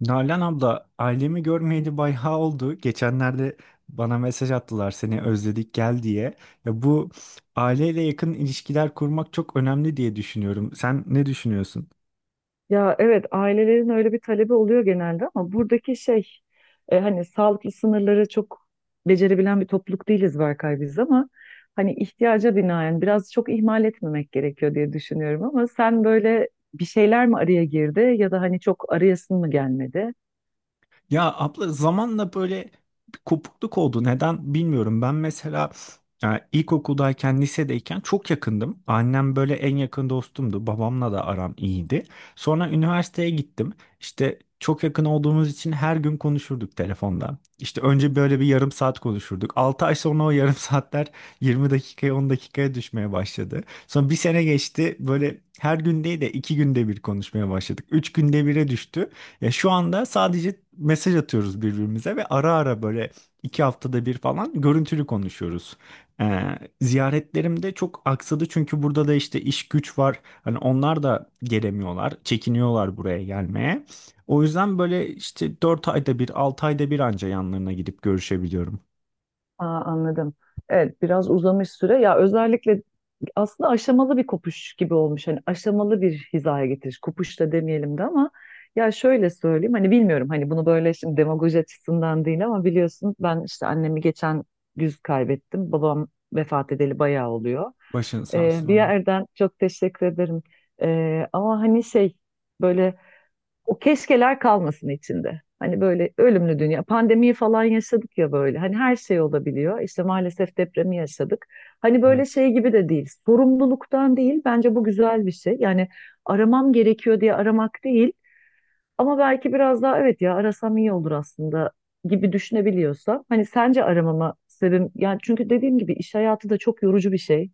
Nalan abla, ailemi görmeyeli bayağı oldu. Geçenlerde bana mesaj attılar seni özledik gel diye. Ya bu aileyle yakın ilişkiler kurmak çok önemli diye düşünüyorum. Sen ne düşünüyorsun? Ya evet ailelerin öyle bir talebi oluyor genelde ama buradaki şey hani sağlıklı sınırları çok becerebilen bir topluluk değiliz Berkay biz ama hani ihtiyaca binaen biraz çok ihmal etmemek gerekiyor diye düşünüyorum ama sen böyle bir şeyler mi araya girdi ya da hani çok arayasın mı gelmedi? Ya abla zamanla böyle bir kopukluk oldu. Neden bilmiyorum. Ben mesela e, ilkokuldayken, lisedeyken çok yakındım. Annem böyle en yakın dostumdu. Babamla da aram iyiydi. Sonra üniversiteye gittim. İşte çok yakın olduğumuz için her gün konuşurduk telefonda. İşte önce böyle bir yarım saat konuşurduk. 6 ay sonra o yarım saatler 20 dakikaya 10 dakikaya düşmeye başladı. Sonra bir sene geçti. Böyle her gün değil de 2 günde bir konuşmaya başladık. 3 günde bire düştü. Ya şu anda sadece mesaj atıyoruz birbirimize ve ara ara böyle 2 haftada bir falan görüntülü konuşuyoruz. Ziyaretlerim de çok aksadı çünkü burada da işte iş güç var. Hani onlar da gelemiyorlar, çekiniyorlar buraya gelmeye. O yüzden böyle işte 4 ayda bir, 6 ayda bir anca yanlarına gidip görüşebiliyorum. Aa, anladım. Evet biraz uzamış süre ya, özellikle aslında aşamalı bir kopuş gibi olmuş. Hani aşamalı bir hizaya getiriş. Kopuş da demeyelim de, ama ya şöyle söyleyeyim. Hani bilmiyorum, hani bunu böyle şimdi demagoji açısından değil ama biliyorsun, ben işte annemi geçen güz kaybettim. Babam vefat edeli bayağı oluyor. Başın sağ olsun Bir abla. yerden çok teşekkür ederim. Ama hani şey, böyle o keşkeler kalmasın içinde. Hani böyle ölümlü dünya. Pandemiyi falan yaşadık ya böyle. Hani her şey olabiliyor. İşte maalesef depremi yaşadık. Hani böyle Evet. şey gibi de değil. Sorumluluktan değil. Bence bu güzel bir şey. Yani aramam gerekiyor diye aramak değil. Ama belki biraz daha, evet ya, arasam iyi olur aslında gibi düşünebiliyorsa. Hani sence aramama sebebim yani, çünkü dediğim gibi iş hayatı da çok yorucu bir şey.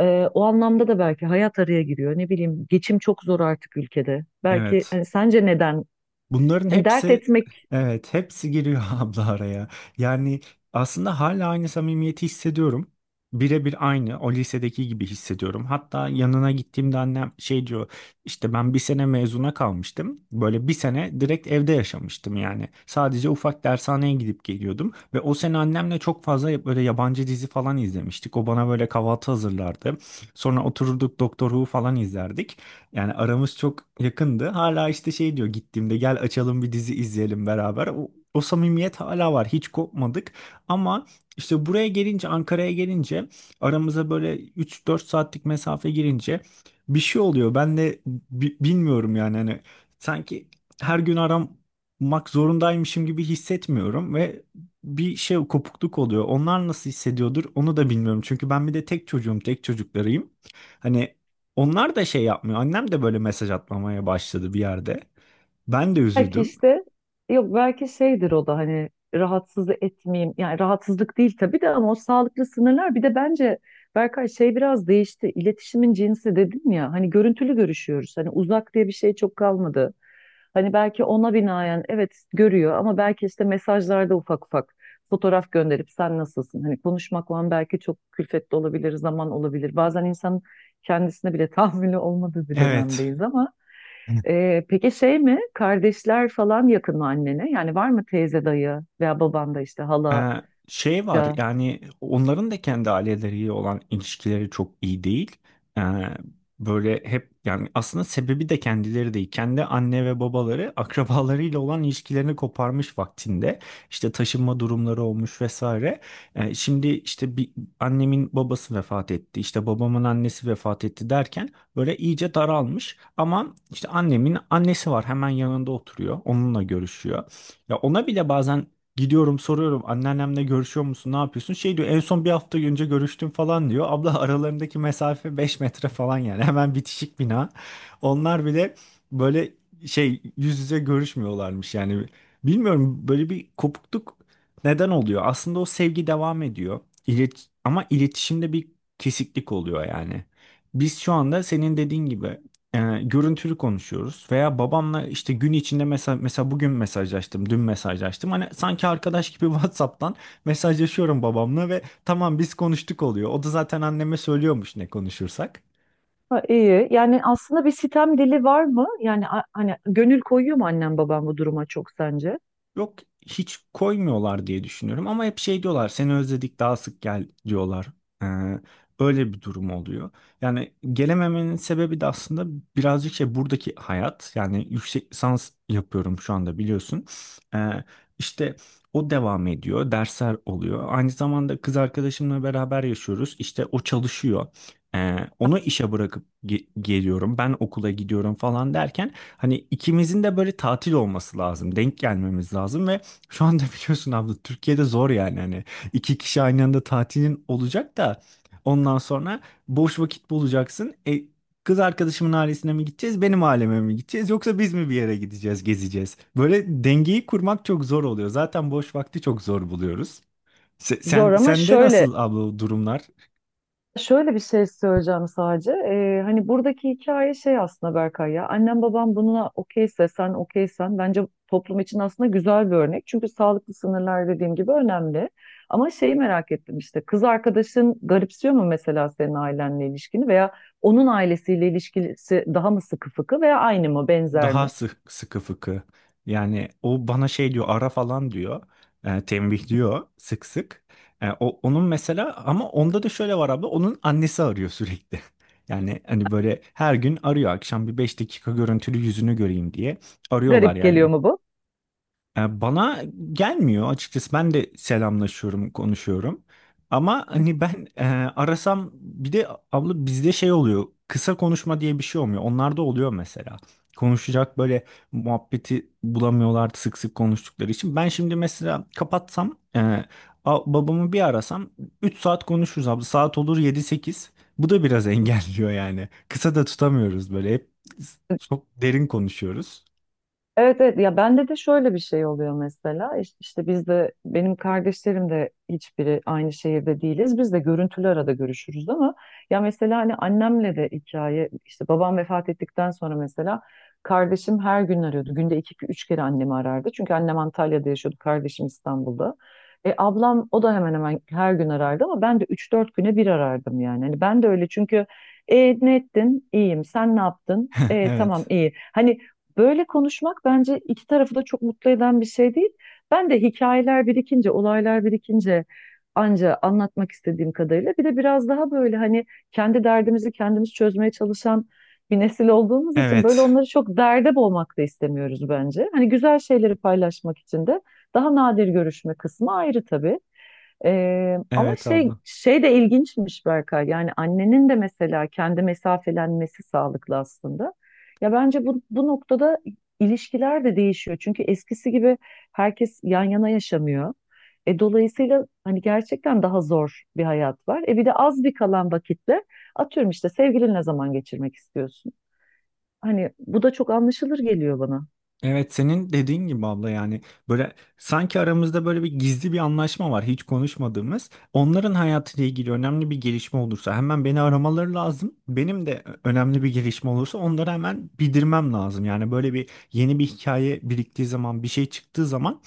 O anlamda da belki hayat araya giriyor. Ne bileyim, geçim çok zor artık ülkede. Belki Evet. hani sence neden, Bunların hani dert hepsi etmek, evet hepsi giriyor abla araya. Yani aslında hala aynı samimiyeti hissediyorum. Birebir aynı o lisedeki gibi hissediyorum. Hatta yanına gittiğimde annem şey diyor işte ben bir sene mezuna kalmıştım. Böyle bir sene direkt evde yaşamıştım yani. Sadece ufak dershaneye gidip geliyordum. Ve o sene annemle çok fazla böyle yabancı dizi falan izlemiştik. O bana böyle kahvaltı hazırlardı. Sonra otururduk Doktor Who falan izlerdik. Yani aramız çok yakındı. Hala işte şey diyor gittiğimde gel açalım bir dizi izleyelim beraber. O samimiyet hala var. Hiç kopmadık. Ama işte buraya gelince Ankara'ya gelince aramıza böyle üç dört saatlik mesafe girince bir şey oluyor. Ben de bilmiyorum yani hani sanki her gün aramak zorundaymışım gibi hissetmiyorum ve bir şey kopukluk oluyor. Onlar nasıl hissediyordur onu da bilmiyorum. Çünkü ben bir de tek çocuğum, tek çocuklarıyım. Hani onlar da şey yapmıyor. Annem de böyle mesaj atmamaya başladı bir yerde. Ben de belki üzüldüm. işte, yok, belki şeydir, o da hani rahatsız etmeyeyim. Yani rahatsızlık değil tabii de, ama o sağlıklı sınırlar bir de bence Berkay şey biraz değişti. İletişimin cinsi dedim ya, hani görüntülü görüşüyoruz. Hani uzak diye bir şey çok kalmadı. Hani belki ona binaen evet görüyor, ama belki işte mesajlarda ufak ufak fotoğraf gönderip sen nasılsın? Hani konuşmakla belki çok külfetli olabilir, zaman olabilir. Bazen insan kendisine bile tahammülü olmadığı bir Evet. dönemdeyiz ama peki şey mi? Kardeşler falan yakın mı annene? Yani var mı teyze dayı veya baban da işte hala Ee, şey var ya? yani onların da kendi aileleriyle olan ilişkileri çok iyi değil. Ee, böyle hep yani aslında sebebi de kendileri değil. Kendi anne ve babaları akrabalarıyla olan ilişkilerini koparmış vaktinde. İşte taşınma durumları olmuş vesaire. Şimdi işte bir annemin babası vefat etti. İşte babamın annesi vefat etti derken böyle iyice daralmış. Ama işte annemin annesi var hemen yanında oturuyor. Onunla görüşüyor. Ya ona bile bazen gidiyorum soruyorum anneannemle görüşüyor musun ne yapıyorsun? Şey diyor en son bir hafta önce görüştüm falan diyor. Abla aralarındaki mesafe 5 metre falan yani hemen bitişik bina. Onlar bile böyle şey yüz yüze görüşmüyorlarmış yani. Bilmiyorum böyle bir kopukluk neden oluyor? Aslında o sevgi devam ediyor. Ama iletişimde bir kesiklik oluyor yani. Biz şu anda senin dediğin gibi görüntülü konuşuyoruz veya babamla işte gün içinde mesela bugün mesajlaştım, dün mesajlaştım. Hani sanki arkadaş gibi WhatsApp'tan mesajlaşıyorum babamla ve tamam biz konuştuk oluyor. O da zaten anneme söylüyormuş ne konuşursak. Ha, iyi. Yani aslında bir sitem dili var mı? Yani hani gönül koyuyor mu annem babam bu duruma çok sence? Yok hiç koymuyorlar diye düşünüyorum ama hep şey diyorlar seni özledik daha sık gel diyorlar. Ee, öyle bir durum oluyor. Yani gelememenin sebebi de aslında birazcık şey buradaki hayat yani yüksek lisans yapıyorum şu anda biliyorsun. Ee, işte o devam ediyor dersler oluyor. Aynı zamanda kız arkadaşımla beraber yaşıyoruz işte o çalışıyor. Onu işe bırakıp geliyorum ben okula gidiyorum falan derken hani ikimizin de böyle tatil olması lazım. Denk gelmemiz lazım ve şu anda biliyorsun abla Türkiye'de zor yani. Hani iki kişi aynı anda tatilin olacak da ondan sonra boş vakit bulacaksın. Kız arkadaşımın ailesine mi gideceğiz, benim aileme mi gideceğiz yoksa biz mi bir yere gideceğiz, gezeceğiz? Böyle dengeyi kurmak çok zor oluyor. Zaten boş vakti çok zor buluyoruz. Se- Sen, Zor ama sende şöyle nasıl abla durumlar? Şöyle bir şey söyleyeceğim sadece. Hani buradaki hikaye şey aslında Berkay ya. Annem babam buna okeyse sen okeysen bence toplum için aslında güzel bir örnek. Çünkü sağlıklı sınırlar dediğim gibi önemli. Ama şeyi merak ettim, işte kız arkadaşın garipsiyor mu mesela senin ailenle ilişkini veya onun ailesiyle ilişkisi daha mı sıkı fıkı veya aynı mı benzer Daha mi? Sıkı fıkı. Yani o bana şey diyor ara falan diyor. Tembih diyor sık sık. Onun mesela ama onda da şöyle var abi onun annesi arıyor sürekli. Yani hani böyle her gün arıyor akşam bir 5 dakika görüntülü yüzünü göreyim diye arıyorlar Garip geliyor yani. mu? Bana gelmiyor açıkçası. Ben de selamlaşıyorum, konuşuyorum. Ama hani ben arasam bir de abla bizde şey oluyor. Kısa konuşma diye bir şey olmuyor. Onlarda oluyor mesela. Konuşacak böyle muhabbeti bulamıyorlar sık sık konuştukları için. Ben şimdi mesela kapatsam babamı bir arasam 3 saat konuşuruz abla. Saat olur yedi sekiz. Bu da biraz engelliyor yani. Kısa da tutamıyoruz böyle. Hep çok derin konuşuyoruz. Evet, evet, ya bende de şöyle bir şey oluyor mesela. İş- işte biz de, benim kardeşlerim de hiçbiri aynı şehirde değiliz, biz de görüntülü arada görüşürüz ama ya mesela hani annemle de hikaye işte, babam vefat ettikten sonra mesela kardeşim her gün arıyordu, günde 2-3 kere annemi arardı çünkü annem Antalya'da yaşıyordu, kardeşim İstanbul'da. Ablam o da hemen hemen her gün arardı ama ben de 3-4 güne bir arardım yani, hani ben de öyle çünkü ne ettin? İyiyim. Sen ne yaptın? Tamam Evet. iyi. Hani böyle konuşmak bence iki tarafı da çok mutlu eden bir şey değil. Ben de hikayeler birikince, olaylar birikince anca anlatmak istediğim kadarıyla, bir de biraz daha böyle hani kendi derdimizi kendimiz çözmeye çalışan bir nesil olduğumuz için böyle Evet. onları çok derde boğmak da istemiyoruz bence. Hani güzel şeyleri paylaşmak için de daha nadir görüşme kısmı ayrı tabii. Ama Evet şey abla. şey de ilginçmiş Berkay. Yani annenin de mesela kendi mesafelenmesi sağlıklı aslında. Ya bence bu noktada ilişkiler de değişiyor. Çünkü eskisi gibi herkes yan yana yaşamıyor. Dolayısıyla hani gerçekten daha zor bir hayat var. Bir de az bir kalan vakitte atıyorum işte sevgilinle zaman geçirmek istiyorsun. Hani bu da çok anlaşılır geliyor bana. Evet senin dediğin gibi abla yani böyle sanki aramızda böyle bir gizli bir anlaşma var hiç konuşmadığımız. Onların hayatıyla ilgili önemli bir gelişme olursa hemen beni aramaları lazım. Benim de önemli bir gelişme olursa onları hemen bildirmem lazım. Yani böyle bir yeni bir hikaye biriktiği zaman bir şey çıktığı zaman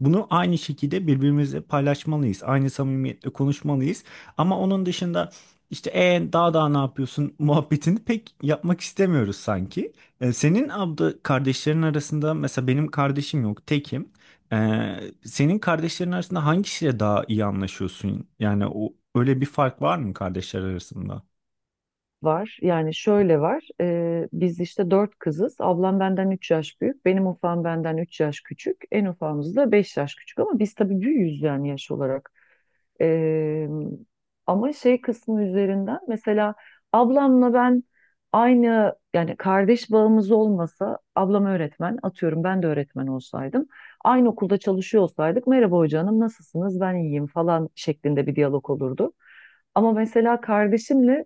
bunu aynı şekilde birbirimizle paylaşmalıyız. Aynı samimiyetle konuşmalıyız. Ama onun dışında işte daha ne yapıyorsun muhabbetini pek yapmak istemiyoruz sanki. Senin abla kardeşlerin arasında mesela benim kardeşim yok, tekim. E, senin kardeşlerin arasında hangisiyle daha iyi anlaşıyorsun? Yani o öyle bir fark var mı kardeşler arasında? Var. Yani şöyle var. Biz işte dört kızız. Ablam benden 3 yaş büyük. Benim ufağım benden 3 yaş küçük. En ufağımız da 5 yaş küçük. Ama biz tabii büyüğüz yani yaş olarak. E, Ama şey kısmı üzerinden mesela ablamla ben aynı, yani kardeş bağımız olmasa ablam öğretmen, atıyorum ben de öğretmen olsaydım, aynı okulda çalışıyor olsaydık, merhaba hoca hanım nasılsınız ben iyiyim falan şeklinde bir diyalog olurdu. Ama mesela kardeşimle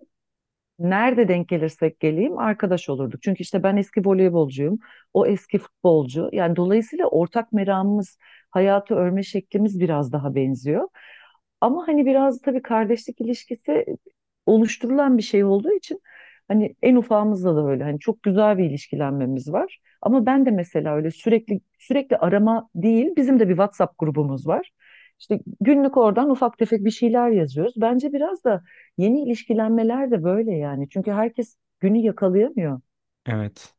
nerede denk gelirsek geleyim arkadaş olurduk. Çünkü işte ben eski voleybolcuyum, o eski futbolcu. Yani dolayısıyla ortak meramımız, hayatı örme şeklimiz biraz daha benziyor. Ama hani biraz tabii kardeşlik ilişkisi oluşturulan bir şey olduğu için hani en ufağımızla da öyle, hani çok güzel bir ilişkilenmemiz var. Ama ben de mesela öyle sürekli sürekli arama değil, bizim de bir WhatsApp grubumuz var. İşte günlük oradan ufak tefek bir şeyler yazıyoruz. Bence biraz da yeni ilişkilenmeler de böyle yani. Çünkü herkes günü yakalayamıyor. Evet.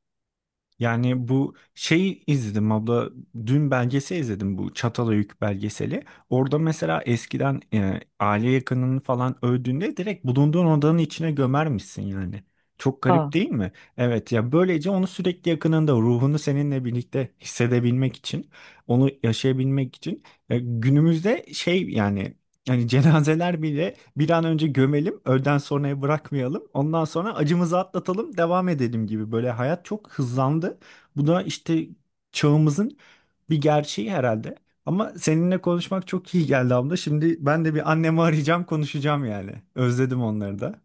Yani bu şeyi izledim abla dün belgesel izledim bu Çatalhöyük belgeseli. Orada mesela eskiden aile yakınını falan öldüğünde direkt bulunduğun odanın içine gömermişsin yani. Çok garip Aa, değil mi? Evet ya böylece onu sürekli yakınında ruhunu seninle birlikte hissedebilmek için onu yaşayabilmek için günümüzde şey yani cenazeler bile bir an önce gömelim, öğleden sonraya bırakmayalım. Ondan sonra acımızı atlatalım, devam edelim gibi. Böyle hayat çok hızlandı. Bu da işte çağımızın bir gerçeği herhalde. Ama seninle konuşmak çok iyi geldi abla. Şimdi ben de bir annemi arayacağım, konuşacağım yani. Özledim onları da.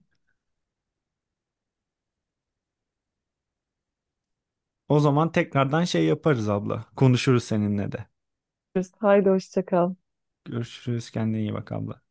O zaman tekrardan şey yaparız abla. Konuşuruz seninle de. görüşürüz. Haydi hoşça kal. Görüşürüz. Kendine iyi bak abla.